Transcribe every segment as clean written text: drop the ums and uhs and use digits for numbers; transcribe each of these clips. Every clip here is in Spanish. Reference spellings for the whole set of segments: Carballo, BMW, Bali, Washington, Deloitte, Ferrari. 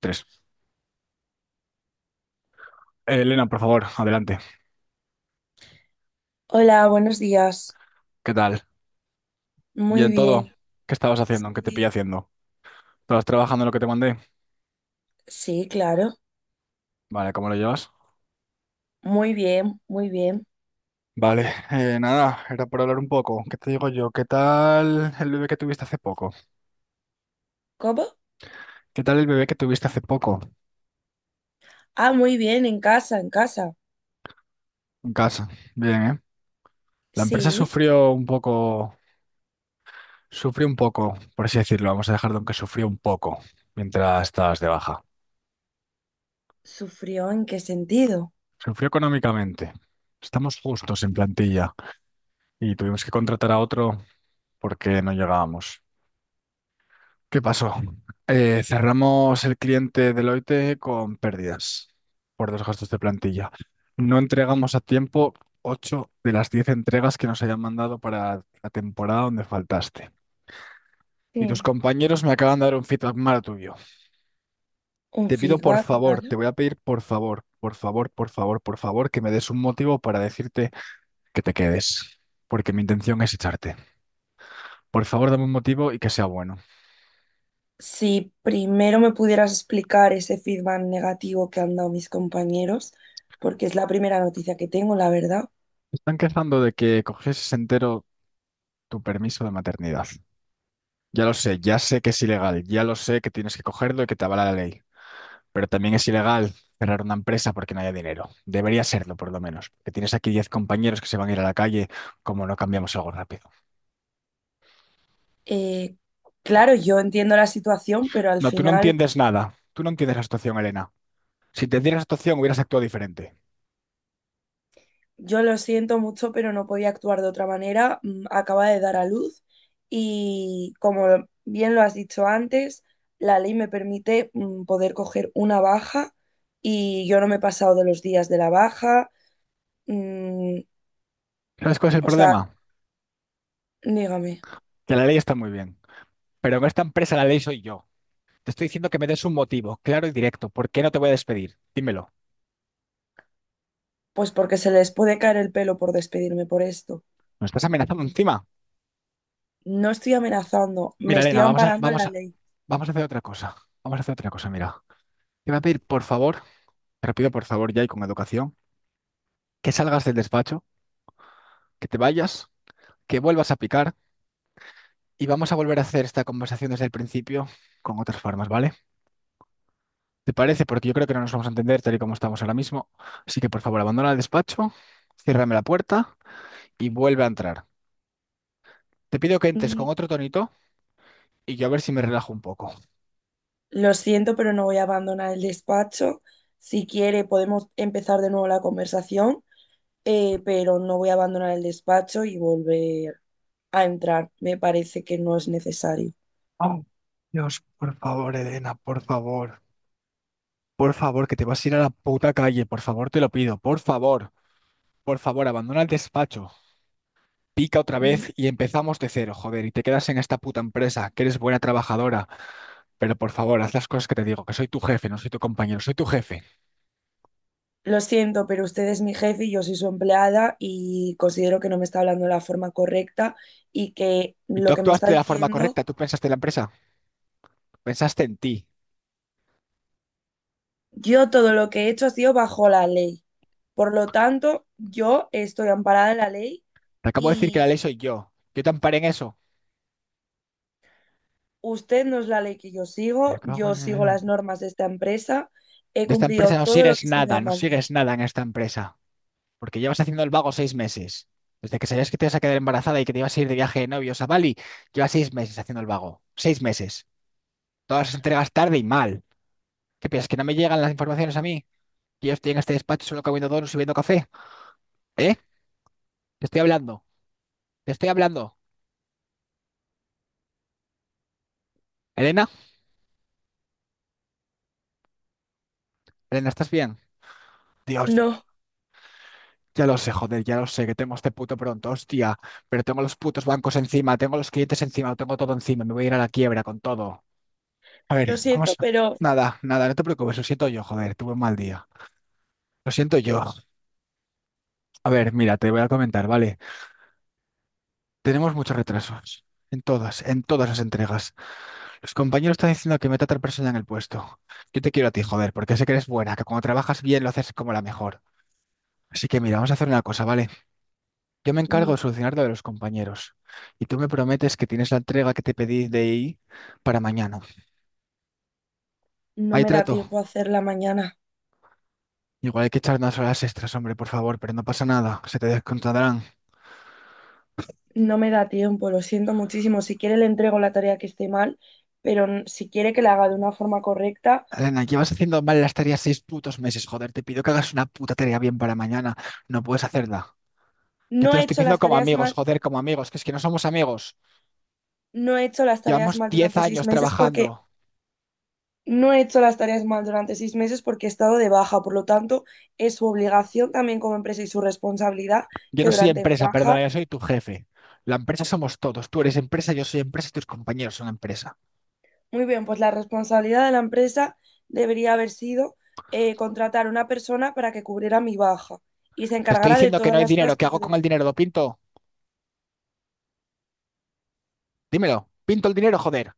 Tres. Elena, por favor, adelante. Hola, buenos días. ¿Qué tal? Muy ¿Bien todo? bien. ¿Qué estabas haciendo? ¿Qué te Sí, pillé haciendo? ¿Estabas trabajando en lo que te mandé? sí, claro. Vale, ¿cómo lo llevas? Muy bien, muy bien. Vale, nada, era por hablar un poco. ¿Qué te digo yo? ¿Qué tal el bebé que tuviste hace poco? ¿Cómo? ¿Qué tal el bebé que tuviste hace poco Ah, muy bien, en casa, en casa. en casa? Bien, ¿eh? La empresa Sí. Sufrió un poco, por así decirlo. Vamos a dejarlo en que sufrió un poco mientras estabas de baja. ¿Sufrió en qué sentido? Sufrió económicamente. Estamos justos en plantilla. Y tuvimos que contratar a otro porque no llegábamos. ¿Qué pasó? Cerramos el cliente Deloitte con pérdidas por dos gastos de plantilla. No entregamos a tiempo 8 de las 10 entregas que nos hayan mandado para la temporada donde faltaste. Y tus Sí. compañeros me acaban de dar un feedback malo tuyo. ¿Un Te pido por feedback favor, malo? te voy a pedir por favor, por favor, por favor, por favor, que me des un motivo para decirte que te quedes, porque mi intención es echarte. Por favor, dame un motivo y que sea bueno. Si primero me pudieras explicar ese feedback negativo que han dado mis compañeros, porque es la primera noticia que tengo, la verdad. Están quejando de que coges entero tu permiso de maternidad. Ya lo sé, ya sé que es ilegal, ya lo sé que tienes que cogerlo y que te avala la ley. Pero también es ilegal cerrar una empresa porque no haya dinero. Debería serlo, por lo menos. Que tienes aquí 10 compañeros que se van a ir a la calle como no cambiamos algo rápido. Eh, claro, yo entiendo la situación, pero al No, tú no final. entiendes nada. Tú no entiendes la situación, Elena. Si te dieras la situación, hubieras actuado diferente. Yo lo siento mucho, pero no podía actuar de otra manera. Acaba de dar a luz y, como bien lo has dicho antes, la ley me permite poder coger una baja y yo no me he pasado de los días de la baja. Mm, ¿Sabes cuál es el o sea, problema? dígame. Que la ley está muy bien. Pero en esta empresa la ley soy yo. Te estoy diciendo que me des un motivo, claro y directo. ¿Por qué no te voy a despedir? Dímelo. Pues porque se les puede caer el pelo por despedirme por esto. ¿Me estás amenazando encima? No estoy amenazando, me Mira, estoy Elena, amparando en la ley. vamos a hacer otra cosa. Vamos a hacer otra cosa, mira. Te voy a pedir, por favor, te lo pido por favor ya y con educación, que salgas del despacho, que te vayas, que vuelvas a picar y vamos a volver a hacer esta conversación desde el principio con otras formas, ¿vale? ¿Te parece? Porque yo creo que no nos vamos a entender tal y como estamos ahora mismo. Así que, por favor, abandona el despacho, ciérrame la puerta y vuelve a entrar. Te pido que entres con Mm, otro tonito y yo a ver si me relajo un poco. Lo siento, pero no voy a abandonar el despacho. Si quiere, podemos empezar de nuevo la conversación pero no voy a abandonar el despacho y volver a entrar. Me parece que no es necesario. Oh, Dios, por favor, Elena, por favor. Por favor, que te vas a ir a la puta calle, por favor, te lo pido, por favor, abandona el despacho, pica otra Mm, vez y empezamos de cero, joder, y te quedas en esta puta empresa, que eres buena trabajadora, pero por favor, haz las cosas que te digo, que soy tu jefe, no soy tu compañero, soy tu jefe. Lo siento, pero usted es mi jefe y yo soy su empleada y considero que no me está hablando de la forma correcta y que Y tú lo que me está actuaste de la forma diciendo, correcta, tú pensaste en la empresa, pensaste en ti. yo todo lo que he hecho ha sido bajo la ley. Por lo tanto, yo estoy amparada en la ley Te acabo de decir que la y ley soy yo, yo te amparé en eso. usted no es la ley que Me cago yo sigo en... las normas de esta empresa, he De esta cumplido empresa no todo lo sigues que se me nada, no manda. sigues nada en esta empresa. Porque llevas haciendo el vago 6 meses. Desde que sabías que te ibas a quedar embarazada y que te ibas a ir de viaje de novios a Bali, llevas 6 meses haciendo el vago. Seis meses. Todas las entregas tarde y mal. ¿Qué piensas? ¿Que no me llegan las informaciones a mí? ¿Que yo estoy en este despacho solo comiendo donuts y bebiendo café? ¿Eh? Te estoy hablando. Te estoy hablando. ¿Elena? ¿Elena, estás bien? Dios. No, Ya lo sé, joder, ya lo sé, que tengo este puto pronto, hostia. Pero tengo los putos bancos encima, tengo los clientes encima, lo tengo todo encima, me voy a ir a la quiebra con todo. A ver, lo vamos. siento, pero Nada, nada, no te preocupes, lo siento yo, joder, tuve un mal día. Lo siento yo. A ver, mira, te voy a comentar, ¿vale? Tenemos muchos retrasos. En todas las entregas. Los compañeros están diciendo que meta a otra persona en el puesto. Yo te quiero a ti, joder, porque sé que eres buena, que cuando trabajas bien lo haces como la mejor. Así que mira, vamos a hacer una cosa, ¿vale? Yo me encargo de ni- solucionar lo de los compañeros. Y tú me prometes que tienes la entrega que te pedí de ahí para mañana. no Ahí me da trato. tiempo a hacerla mañana. Igual hay que echar unas horas extras, hombre, por favor, pero no pasa nada. Se te descontarán. No me da tiempo, lo siento muchísimo. Si quiere le entrego la tarea que esté mal, pero si quiere que la haga de una forma correcta. Elena, llevas haciendo mal las tareas 6 putos meses, joder. Te pido que hagas una puta tarea bien para mañana. No puedes hacerla. Yo No te lo he estoy hecho pidiendo las como tareas amigos, mal, joder, como amigos, que es que no somos amigos. No he hecho las tareas Llevamos mal 10 durante seis años meses porque trabajando. no he hecho las tareas mal durante seis meses porque he estado de baja. Por lo tanto, es su obligación también como empresa y su responsabilidad Yo que no soy durante mi empresa, baja. perdona, yo soy tu jefe. La empresa somos todos. Tú eres empresa, yo soy empresa y tus compañeros son empresa. Muy bien, pues la responsabilidad de la empresa debería haber sido contratar a una persona para que cubriera mi baja y se Te estoy encargara de diciendo que todas no hay las dinero. cosas ¿Qué que hago yo con debía. el dinero? ¿Lo pinto? Dímelo. Pinto el dinero, joder.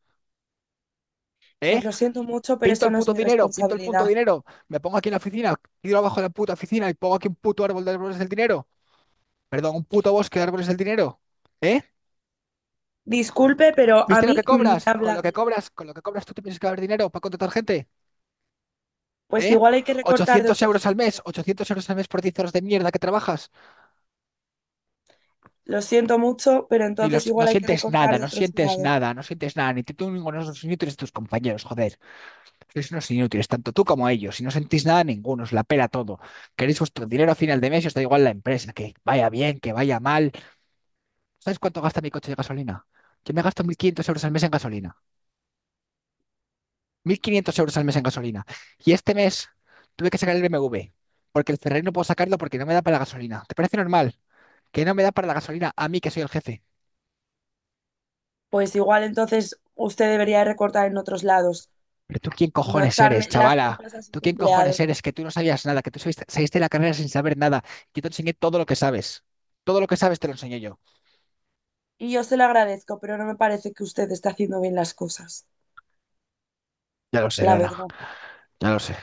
¿Eh? Pues lo siento mucho, pero Pinto eso el no es puto mi dinero, pinto el punto responsabilidad. dinero. Me pongo aquí en la oficina, tiro abajo de la puta oficina y pongo aquí un puto árbol de árboles del dinero. Perdón, un puto bosque de árboles del dinero. ¿Eh? Disculpe, pero a ¿Viste lo que mí me cobras? Con habla lo que bien. cobras, con lo que cobras, ¿tú te piensas que va a haber dinero para contratar gente? Pues ¿Eh? igual hay que recortar de 800 otros euros al mes, sitios. 800 euros al mes por 10 horas de mierda que trabajas. Lo siento mucho, pero Ni entonces los, No igual hay que sientes recortar nada, de no otros sientes lados. nada, no sientes nada, ni tú ninguno de los inútiles de tus compañeros, joder. Sois unos inútiles, tanto tú como ellos, y no sentís nada ninguno, os la pela todo. Queréis vuestro dinero a final de mes y os da igual la empresa, que vaya bien, que vaya mal. ¿Sabes cuánto gasta mi coche de gasolina? Yo me gasto 1.500 euros al mes en gasolina. 1.500 euros al mes en gasolina. Y este mes tuve que sacar el BMW, porque el Ferrari no puedo sacarlo porque no me da para la gasolina. ¿Te parece normal? Que no me da para la gasolina a mí que soy el jefe. Pues igual entonces usted debería recortar en otros lados Pero tú quién y no cojones eres, echarme las chavala. culpas a Tú sus quién cojones empleados. eres, que tú no sabías nada, que tú saliste de la carrera sin saber nada. Que te enseñé todo lo que sabes. Todo lo que sabes te lo enseñé yo. Y yo se lo agradezco, pero no me parece que usted esté haciendo bien las cosas, Ya lo sé, la Elena. verdad. Ya lo sé.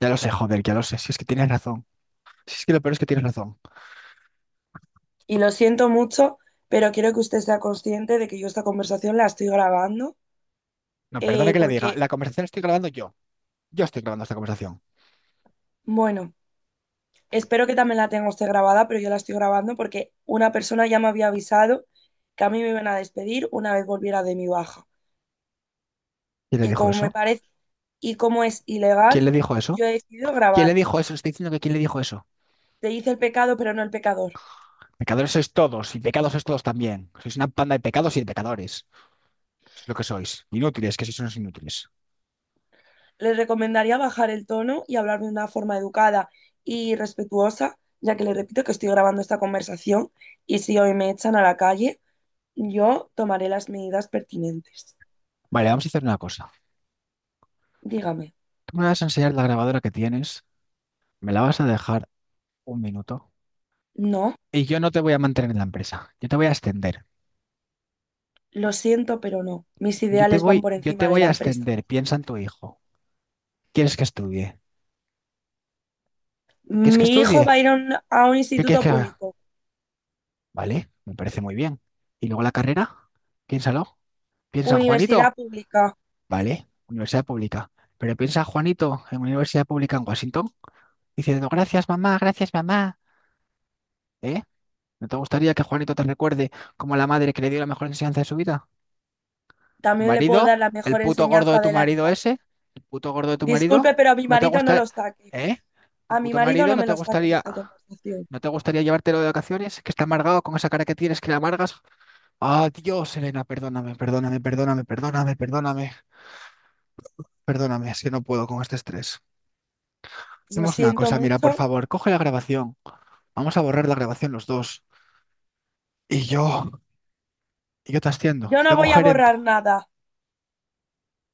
Ya lo sé, joder, ya lo sé. Si es que tienes razón. Si es que lo peor es que tienes razón. Y lo siento mucho, pero quiero que usted sea consciente de que yo esta conversación la estoy grabando, No, perdone que le diga. porque, La conversación la estoy grabando yo. Yo estoy grabando esta conversación. bueno, espero que también la tenga usted grabada, pero yo la estoy grabando porque una persona ya me había avisado que a mí me iban a despedir una vez volviera de mi baja. ¿Quién le Y dijo como me eso? parece, y como es ¿Quién ilegal, le dijo eso? yo he decidido ¿Quién grabar. le dijo eso? Estoy diciendo que ¿quién le dijo eso? Te hice el pecado, pero no el pecador. Pecadores sois todos y pecados sois todos también. Sois una panda de pecados y de pecadores. Es lo que sois. Inútiles, que sois unos inútiles. Les recomendaría bajar el tono y hablar de una forma educada y respetuosa, ya que les repito que estoy grabando esta conversación y si hoy me echan a la calle, yo tomaré las medidas pertinentes. Vale, vamos a hacer una cosa. Dígame. Tú me vas a enseñar la grabadora que tienes, me la vas a dejar un minuto No, y yo no te voy a mantener en la empresa. Yo te voy a ascender. lo siento, pero no. Mis ideales van por Yo te encima de voy la a empresa. ascender. Piensa en tu hijo. ¿Quieres que estudie? ¿Quieres que Mi hijo va estudie? a ir a un ¿Qué quieres instituto que haga? público, Vale, me parece muy bien. ¿Y luego la carrera? Piénsalo. Piensa en universidad Juanito. pública. Vale, universidad pública. Pero piensa Juanito en una universidad pública en Washington diciendo gracias mamá, gracias mamá. ¿Eh? ¿No te gustaría que Juanito te recuerde como la madre que le dio la mejor enseñanza de su vida? ¿Tu También le puedo dar marido? la ¿El mejor puto gordo de enseñanza tu de la marido vida. ese? ¿El puto gordo de tu Disculpe, marido? pero a mi ¿No te marido no gusta... lo saque. ¿Eh? ¿Tu A mi puto marido marido no no me te lo saque en gustaría... esta conversación. ¿No te gustaría llevártelo de vacaciones? Que está amargado con esa cara que tienes, que le amargas. Ah, Dios, Elena, perdóname, perdóname, perdóname, perdóname, perdóname, perdóname. Es que no puedo con este estrés. Lo Hacemos una siento cosa, mira, por mucho. favor, coge la grabación. Vamos a borrar la grabación los dos. Y yo, y yo te asciendo. Yo no Tengo voy a gerente. borrar nada.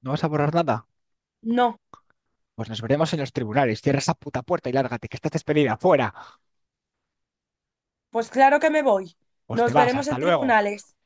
¿No vas a borrar nada? No, Pues nos veremos en los tribunales. Cierra esa puta puerta y lárgate, que estás despedida. Fuera. pues claro que me voy. Pues te Nos vas. veremos Hasta en luego. tribunales.